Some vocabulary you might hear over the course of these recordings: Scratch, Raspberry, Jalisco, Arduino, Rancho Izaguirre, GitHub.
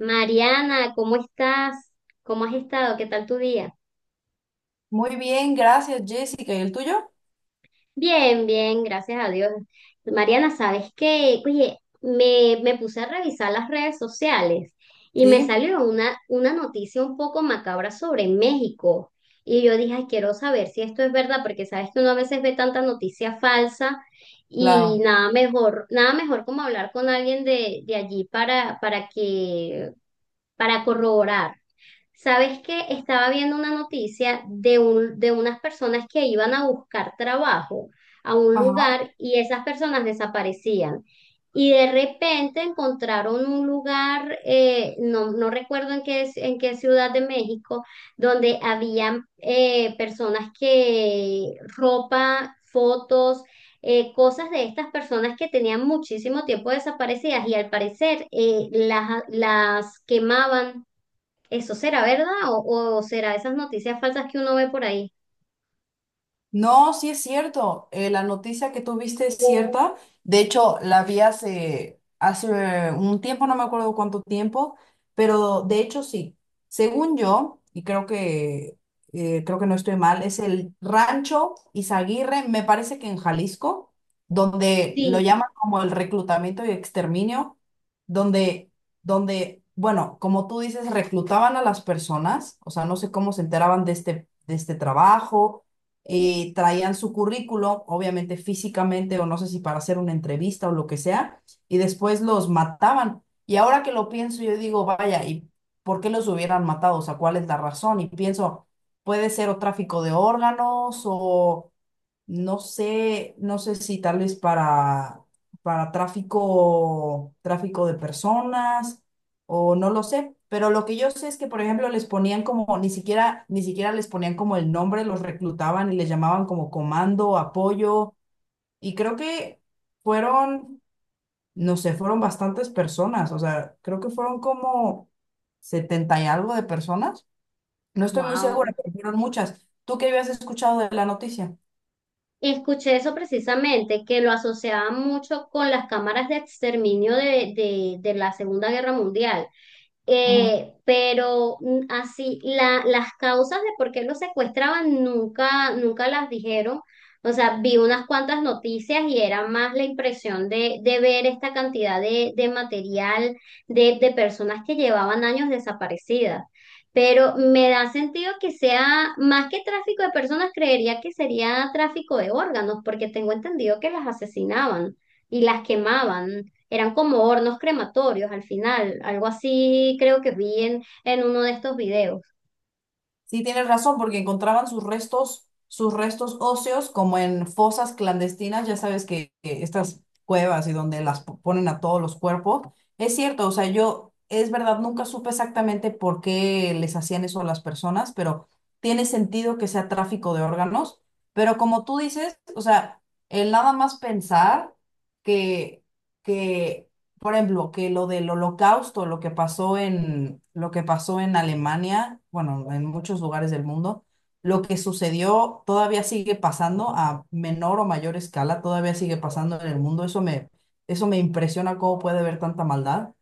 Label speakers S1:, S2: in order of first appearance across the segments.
S1: Mariana, ¿cómo estás? ¿Cómo has estado? ¿Qué tal tu día?
S2: Muy bien, gracias, Jessica. ¿Y el tuyo?
S1: Bien, bien, gracias a Dios. Mariana, ¿sabes qué? Oye, me puse a revisar las redes sociales y me
S2: Sí,
S1: salió una noticia un poco macabra sobre México. Y yo dije, "Ay, quiero saber si esto es verdad, porque sabes que uno a veces ve tanta noticia falsa y
S2: claro.
S1: nada mejor, nada mejor como hablar con alguien de allí para que, para corroborar." ¿Sabes qué? Estaba viendo una noticia de un, de unas personas que iban a buscar trabajo a un
S2: Ajá.
S1: lugar y esas personas desaparecían. Y de repente encontraron un lugar, no, no recuerdo en qué ciudad de México, donde habían personas que ropa, fotos, cosas de estas personas que tenían muchísimo tiempo desaparecidas y al parecer las quemaban. ¿Eso será verdad o será esas noticias falsas que uno ve por ahí?
S2: No, sí es cierto. La noticia que tuviste es cierta. De hecho, la vi hace un tiempo, no me acuerdo cuánto tiempo, pero de hecho sí. Según yo, y creo que no estoy mal, es el Rancho Izaguirre, me parece que en Jalisco, donde lo
S1: Sí,
S2: llaman como el reclutamiento y exterminio, donde, donde, bueno, como tú dices, reclutaban a las personas, o sea, no sé cómo se enteraban de este trabajo traían su currículo, obviamente físicamente, o no sé si para hacer una entrevista o lo que sea, y después los mataban. Y ahora que lo pienso, yo digo, vaya, ¿y por qué los hubieran matado? O sea, ¿cuál es la razón? Y pienso, puede ser o tráfico de órganos o no sé, no sé si tal vez para tráfico, tráfico de personas, o no lo sé, pero lo que yo sé es que, por ejemplo, les ponían como, ni siquiera, ni siquiera les ponían como el nombre, los reclutaban y les llamaban como comando, apoyo, y creo que fueron, no sé, fueron bastantes personas, o sea, creo que fueron como setenta y algo de personas. No estoy muy
S1: wow.
S2: segura, pero fueron muchas. ¿Tú qué habías escuchado de la noticia?
S1: Escuché eso precisamente, que lo asociaban mucho con las cámaras de exterminio de la Segunda Guerra Mundial. Pero así, la, las causas de por qué lo secuestraban nunca, nunca las dijeron. O sea, vi unas cuantas noticias y era más la impresión de ver esta cantidad de material de personas que llevaban años desaparecidas. Pero me da sentido que sea más que tráfico de personas, creería que sería tráfico de órganos, porque tengo entendido que las asesinaban y las quemaban, eran como hornos crematorios al final, algo así creo que vi en uno de estos videos.
S2: Sí, tienes razón, porque encontraban sus restos óseos como en fosas clandestinas, ya sabes que estas cuevas y donde las ponen a todos los cuerpos. Es cierto, o sea, yo, es verdad, nunca supe exactamente por qué les hacían eso a las personas, pero tiene sentido que sea tráfico de órganos. Pero como tú dices, o sea, el nada más pensar que, que por ejemplo, que lo del holocausto, lo que pasó en, lo que pasó en Alemania, bueno, en muchos lugares del mundo, lo que sucedió todavía sigue pasando a menor o mayor escala, todavía sigue pasando en el mundo. Eso me impresiona cómo puede haber tanta maldad.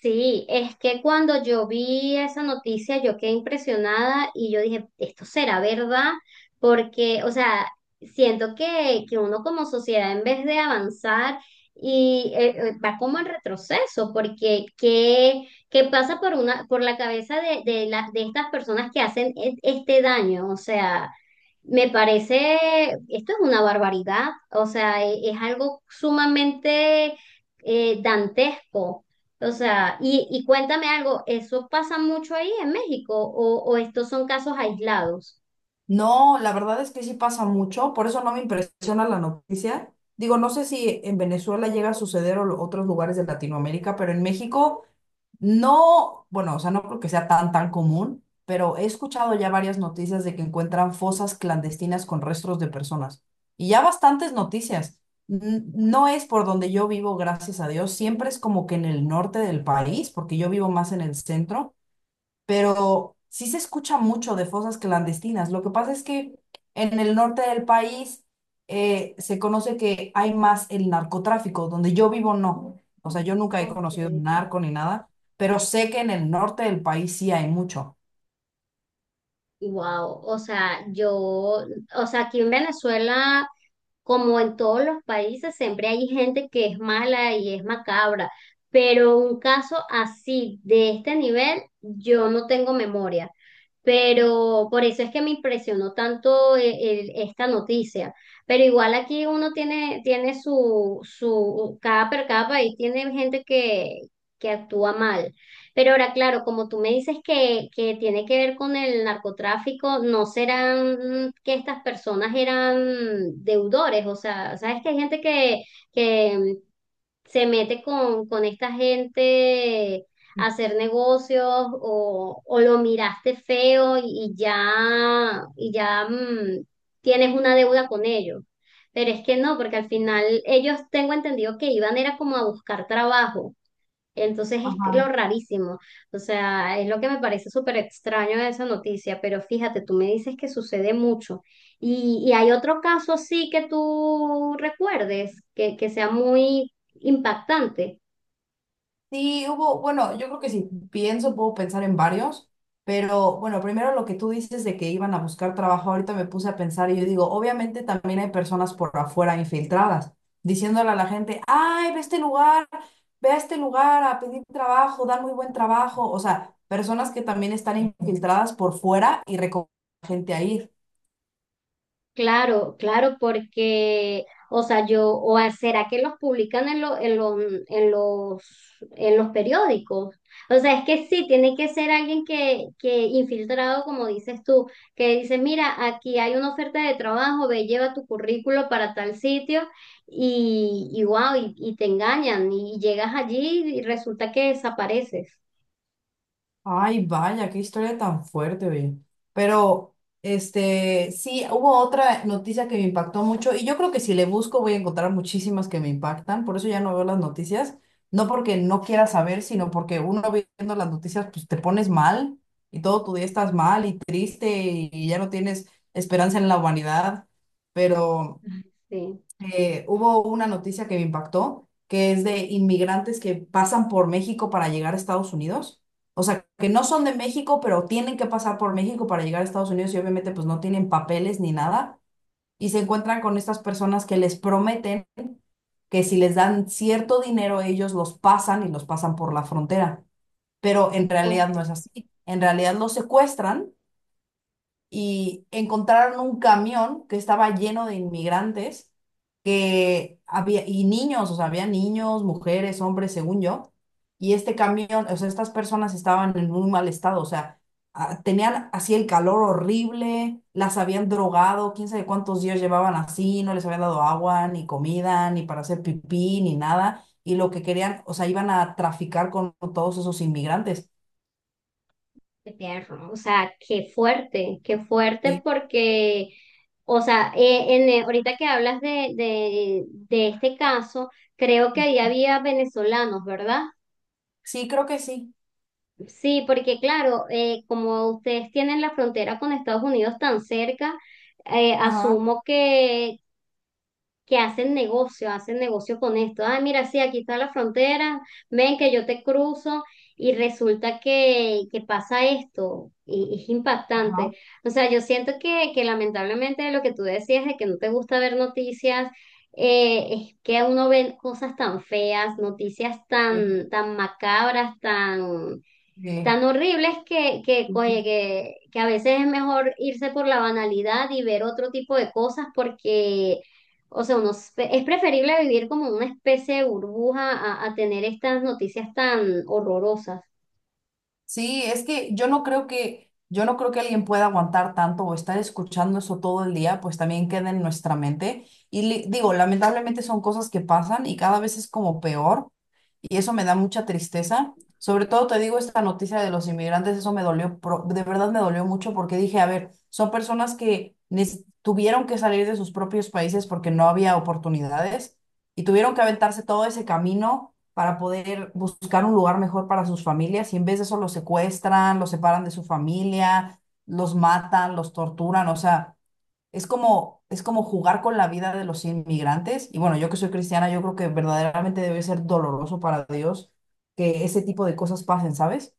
S1: Sí, es que cuando yo vi esa noticia yo quedé impresionada y yo dije, ¿esto será verdad? Porque, o sea, siento que uno como sociedad en vez de avanzar y va como en retroceso, porque ¿qué, qué pasa por una, por la cabeza de, de estas personas que hacen este daño? O sea… Me parece, esto es una barbaridad, o sea, es algo sumamente dantesco. O sea, y cuéntame algo, ¿eso pasa mucho ahí en México o estos son casos aislados?
S2: No, la verdad es que sí pasa mucho, por eso no me impresiona la noticia. Digo, no sé si en Venezuela llega a suceder o otros lugares de Latinoamérica, pero en México no, bueno, o sea, no creo que sea tan común, pero he escuchado ya varias noticias de que encuentran fosas clandestinas con restos de personas. Y ya bastantes noticias. No es por donde yo vivo, gracias a Dios. Siempre es como que en el norte del país, porque yo vivo más en el centro, pero sí se escucha mucho de fosas clandestinas. Lo que pasa es que en el norte del país se conoce que hay más el narcotráfico, donde yo vivo no. O sea, yo nunca he
S1: Ok.
S2: conocido un narco ni nada, pero sé que en el norte del país sí hay mucho.
S1: Wow, o sea, yo, o sea, aquí en Venezuela, como en todos los países, siempre hay gente que es mala y es macabra, pero un caso así, de este nivel, yo no tengo memoria. Pero por eso es que me impresionó tanto esta noticia. Pero igual aquí uno tiene, tiene su, su, cada, cada país tiene gente que actúa mal. Pero ahora, claro, como tú me dices que tiene que ver con el narcotráfico, ¿no serán que estas personas eran deudores? O sea, sabes que hay gente que se mete con esta gente a hacer negocios o lo miraste feo y ya, y ya tienes una deuda con ellos. Pero es que no, porque al final ellos tengo entendido que iban era como a buscar trabajo. Entonces es lo
S2: Ajá.
S1: rarísimo, o sea, es lo que me parece súper extraño de esa noticia, pero fíjate, tú me dices que sucede mucho. Y hay otro caso así que tú recuerdes, que sea muy impactante?
S2: Sí, hubo, bueno, yo creo que si pienso, puedo pensar en varios, pero bueno, primero lo que tú dices de que iban a buscar trabajo, ahorita me puse a pensar y yo digo, obviamente también hay personas por afuera infiltradas, diciéndole a la gente, ay, ve a este lugar, ve a este lugar a pedir trabajo, dan muy buen trabajo, o sea, personas que también están infiltradas por fuera y recomiendan gente a ir.
S1: Claro, claro, porque, o sea, yo, o será que los publican en, en, en los, en los periódicos. O sea, es que sí, tiene que ser alguien que infiltrado, como dices tú, que dice, mira, aquí hay una oferta de trabajo, ve, lleva tu currículo para tal sitio y wow, y te engañan y llegas allí y resulta que desapareces.
S2: Ay, vaya, qué historia tan fuerte, oye. Pero, este, sí, hubo otra noticia que me impactó mucho y yo creo que si le busco voy a encontrar muchísimas que me impactan, por eso ya no veo las noticias, no porque no quiera saber, sino porque uno viendo las noticias, pues te pones mal y todo tu día estás mal y triste y ya no tienes esperanza en la humanidad, pero
S1: Ay, sí,
S2: hubo una noticia que me impactó, que es de inmigrantes que pasan por México para llegar a Estados Unidos. O sea, que no son de México, pero tienen que pasar por México para llegar a Estados Unidos y obviamente pues no tienen papeles ni nada. Y se encuentran con estas personas que les prometen que si les dan cierto dinero, ellos los pasan y los pasan por la frontera. Pero en realidad no es
S1: ok.
S2: así. En realidad los secuestran y encontraron un camión que estaba lleno de inmigrantes que había, y niños, o sea, había niños, mujeres, hombres, según yo, y este camión, o sea, estas personas estaban en muy mal estado, o sea, tenían así el calor horrible, las habían drogado, quién sabe cuántos días llevaban así, no les habían dado agua, ni comida, ni para hacer pipí, ni nada, y lo que querían, o sea, iban a traficar con todos esos inmigrantes.
S1: Qué tierno, o sea, qué fuerte
S2: Sí.
S1: porque, o sea, ahorita que hablas de este caso, creo que ahí había venezolanos, ¿verdad?
S2: Sí, creo que sí.
S1: Sí, porque claro, como ustedes tienen la frontera con Estados Unidos tan cerca,
S2: Ajá,
S1: asumo que hacen negocio con esto. Ay, mira, sí, aquí está la frontera, ven que yo te cruzo y resulta que pasa esto y es impactante.
S2: ajá.
S1: O sea, yo siento que lamentablemente lo que tú decías de que no te gusta ver noticias, es que uno ve cosas tan feas, noticias tan, tan macabras, tan
S2: Sí.
S1: tan horribles que, oye, que a veces es mejor irse por la banalidad y ver otro tipo de cosas porque, o sea, uno es preferible vivir como una especie de burbuja a tener estas noticias tan horrorosas.
S2: Sí, es que yo no creo que, yo no creo que alguien pueda aguantar tanto o estar escuchando eso todo el día, pues también queda en nuestra mente. Y digo, lamentablemente son cosas que pasan y cada vez es como peor y eso me da mucha tristeza. Sobre todo te digo esta noticia de los inmigrantes, eso me dolió, de verdad me dolió mucho porque dije, a ver, son personas que tuvieron que salir de sus propios países porque no había oportunidades y tuvieron que aventarse todo ese camino para poder buscar un lugar mejor para sus familias y en vez de eso los secuestran, los separan de su familia, los matan, los torturan, o sea, es como jugar con la vida de los inmigrantes y bueno, yo que soy cristiana, yo creo que verdaderamente debe ser doloroso para Dios que ese tipo de cosas pasen, ¿sabes?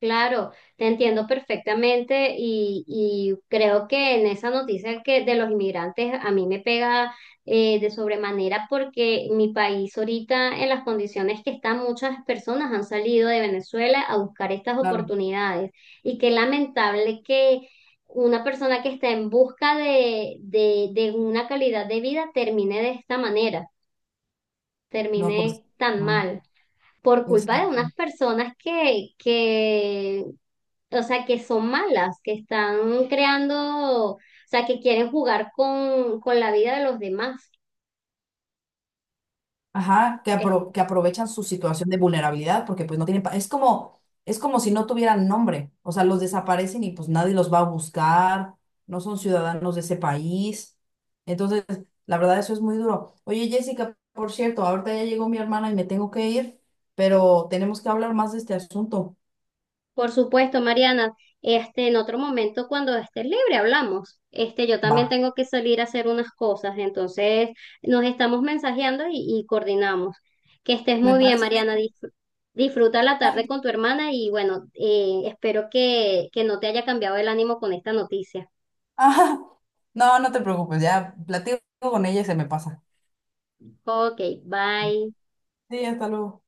S1: Claro, te entiendo perfectamente y creo que en esa noticia que de los inmigrantes a mí me pega de sobremanera porque mi país ahorita en las condiciones que están muchas personas han salido de Venezuela a buscar estas
S2: Claro.
S1: oportunidades y qué lamentable que una persona que está en busca de una calidad de vida termine de esta manera,
S2: No, pues,
S1: termine tan
S2: no,
S1: mal por culpa de unas
S2: exacto.
S1: personas que o sea, que son malas, que están creando, o sea, que quieren jugar con la vida de los demás.
S2: Ajá, que,
S1: Eh,
S2: que aprovechan su situación de vulnerabilidad porque pues no tienen, es como si no tuvieran nombre, o sea, los desaparecen y pues nadie los va a buscar, no son ciudadanos de ese país. Entonces, la verdad, eso es muy duro. Oye, Jessica, por cierto, ahorita ya llegó mi hermana y me tengo que ir, pero tenemos que hablar más de este asunto.
S1: por supuesto, Mariana, este, en otro momento cuando estés libre hablamos. Este, yo
S2: Va.
S1: también tengo que salir a hacer unas cosas, entonces nos estamos mensajeando y coordinamos. Que estés
S2: Me
S1: muy bien,
S2: parece bien.
S1: Mariana. Disfruta la tarde con tu hermana y bueno, espero que no te haya cambiado el ánimo con esta noticia.
S2: Ah, no, no te preocupes, ya platico con ella y se me pasa.
S1: Ok, bye.
S2: Sí, hasta luego.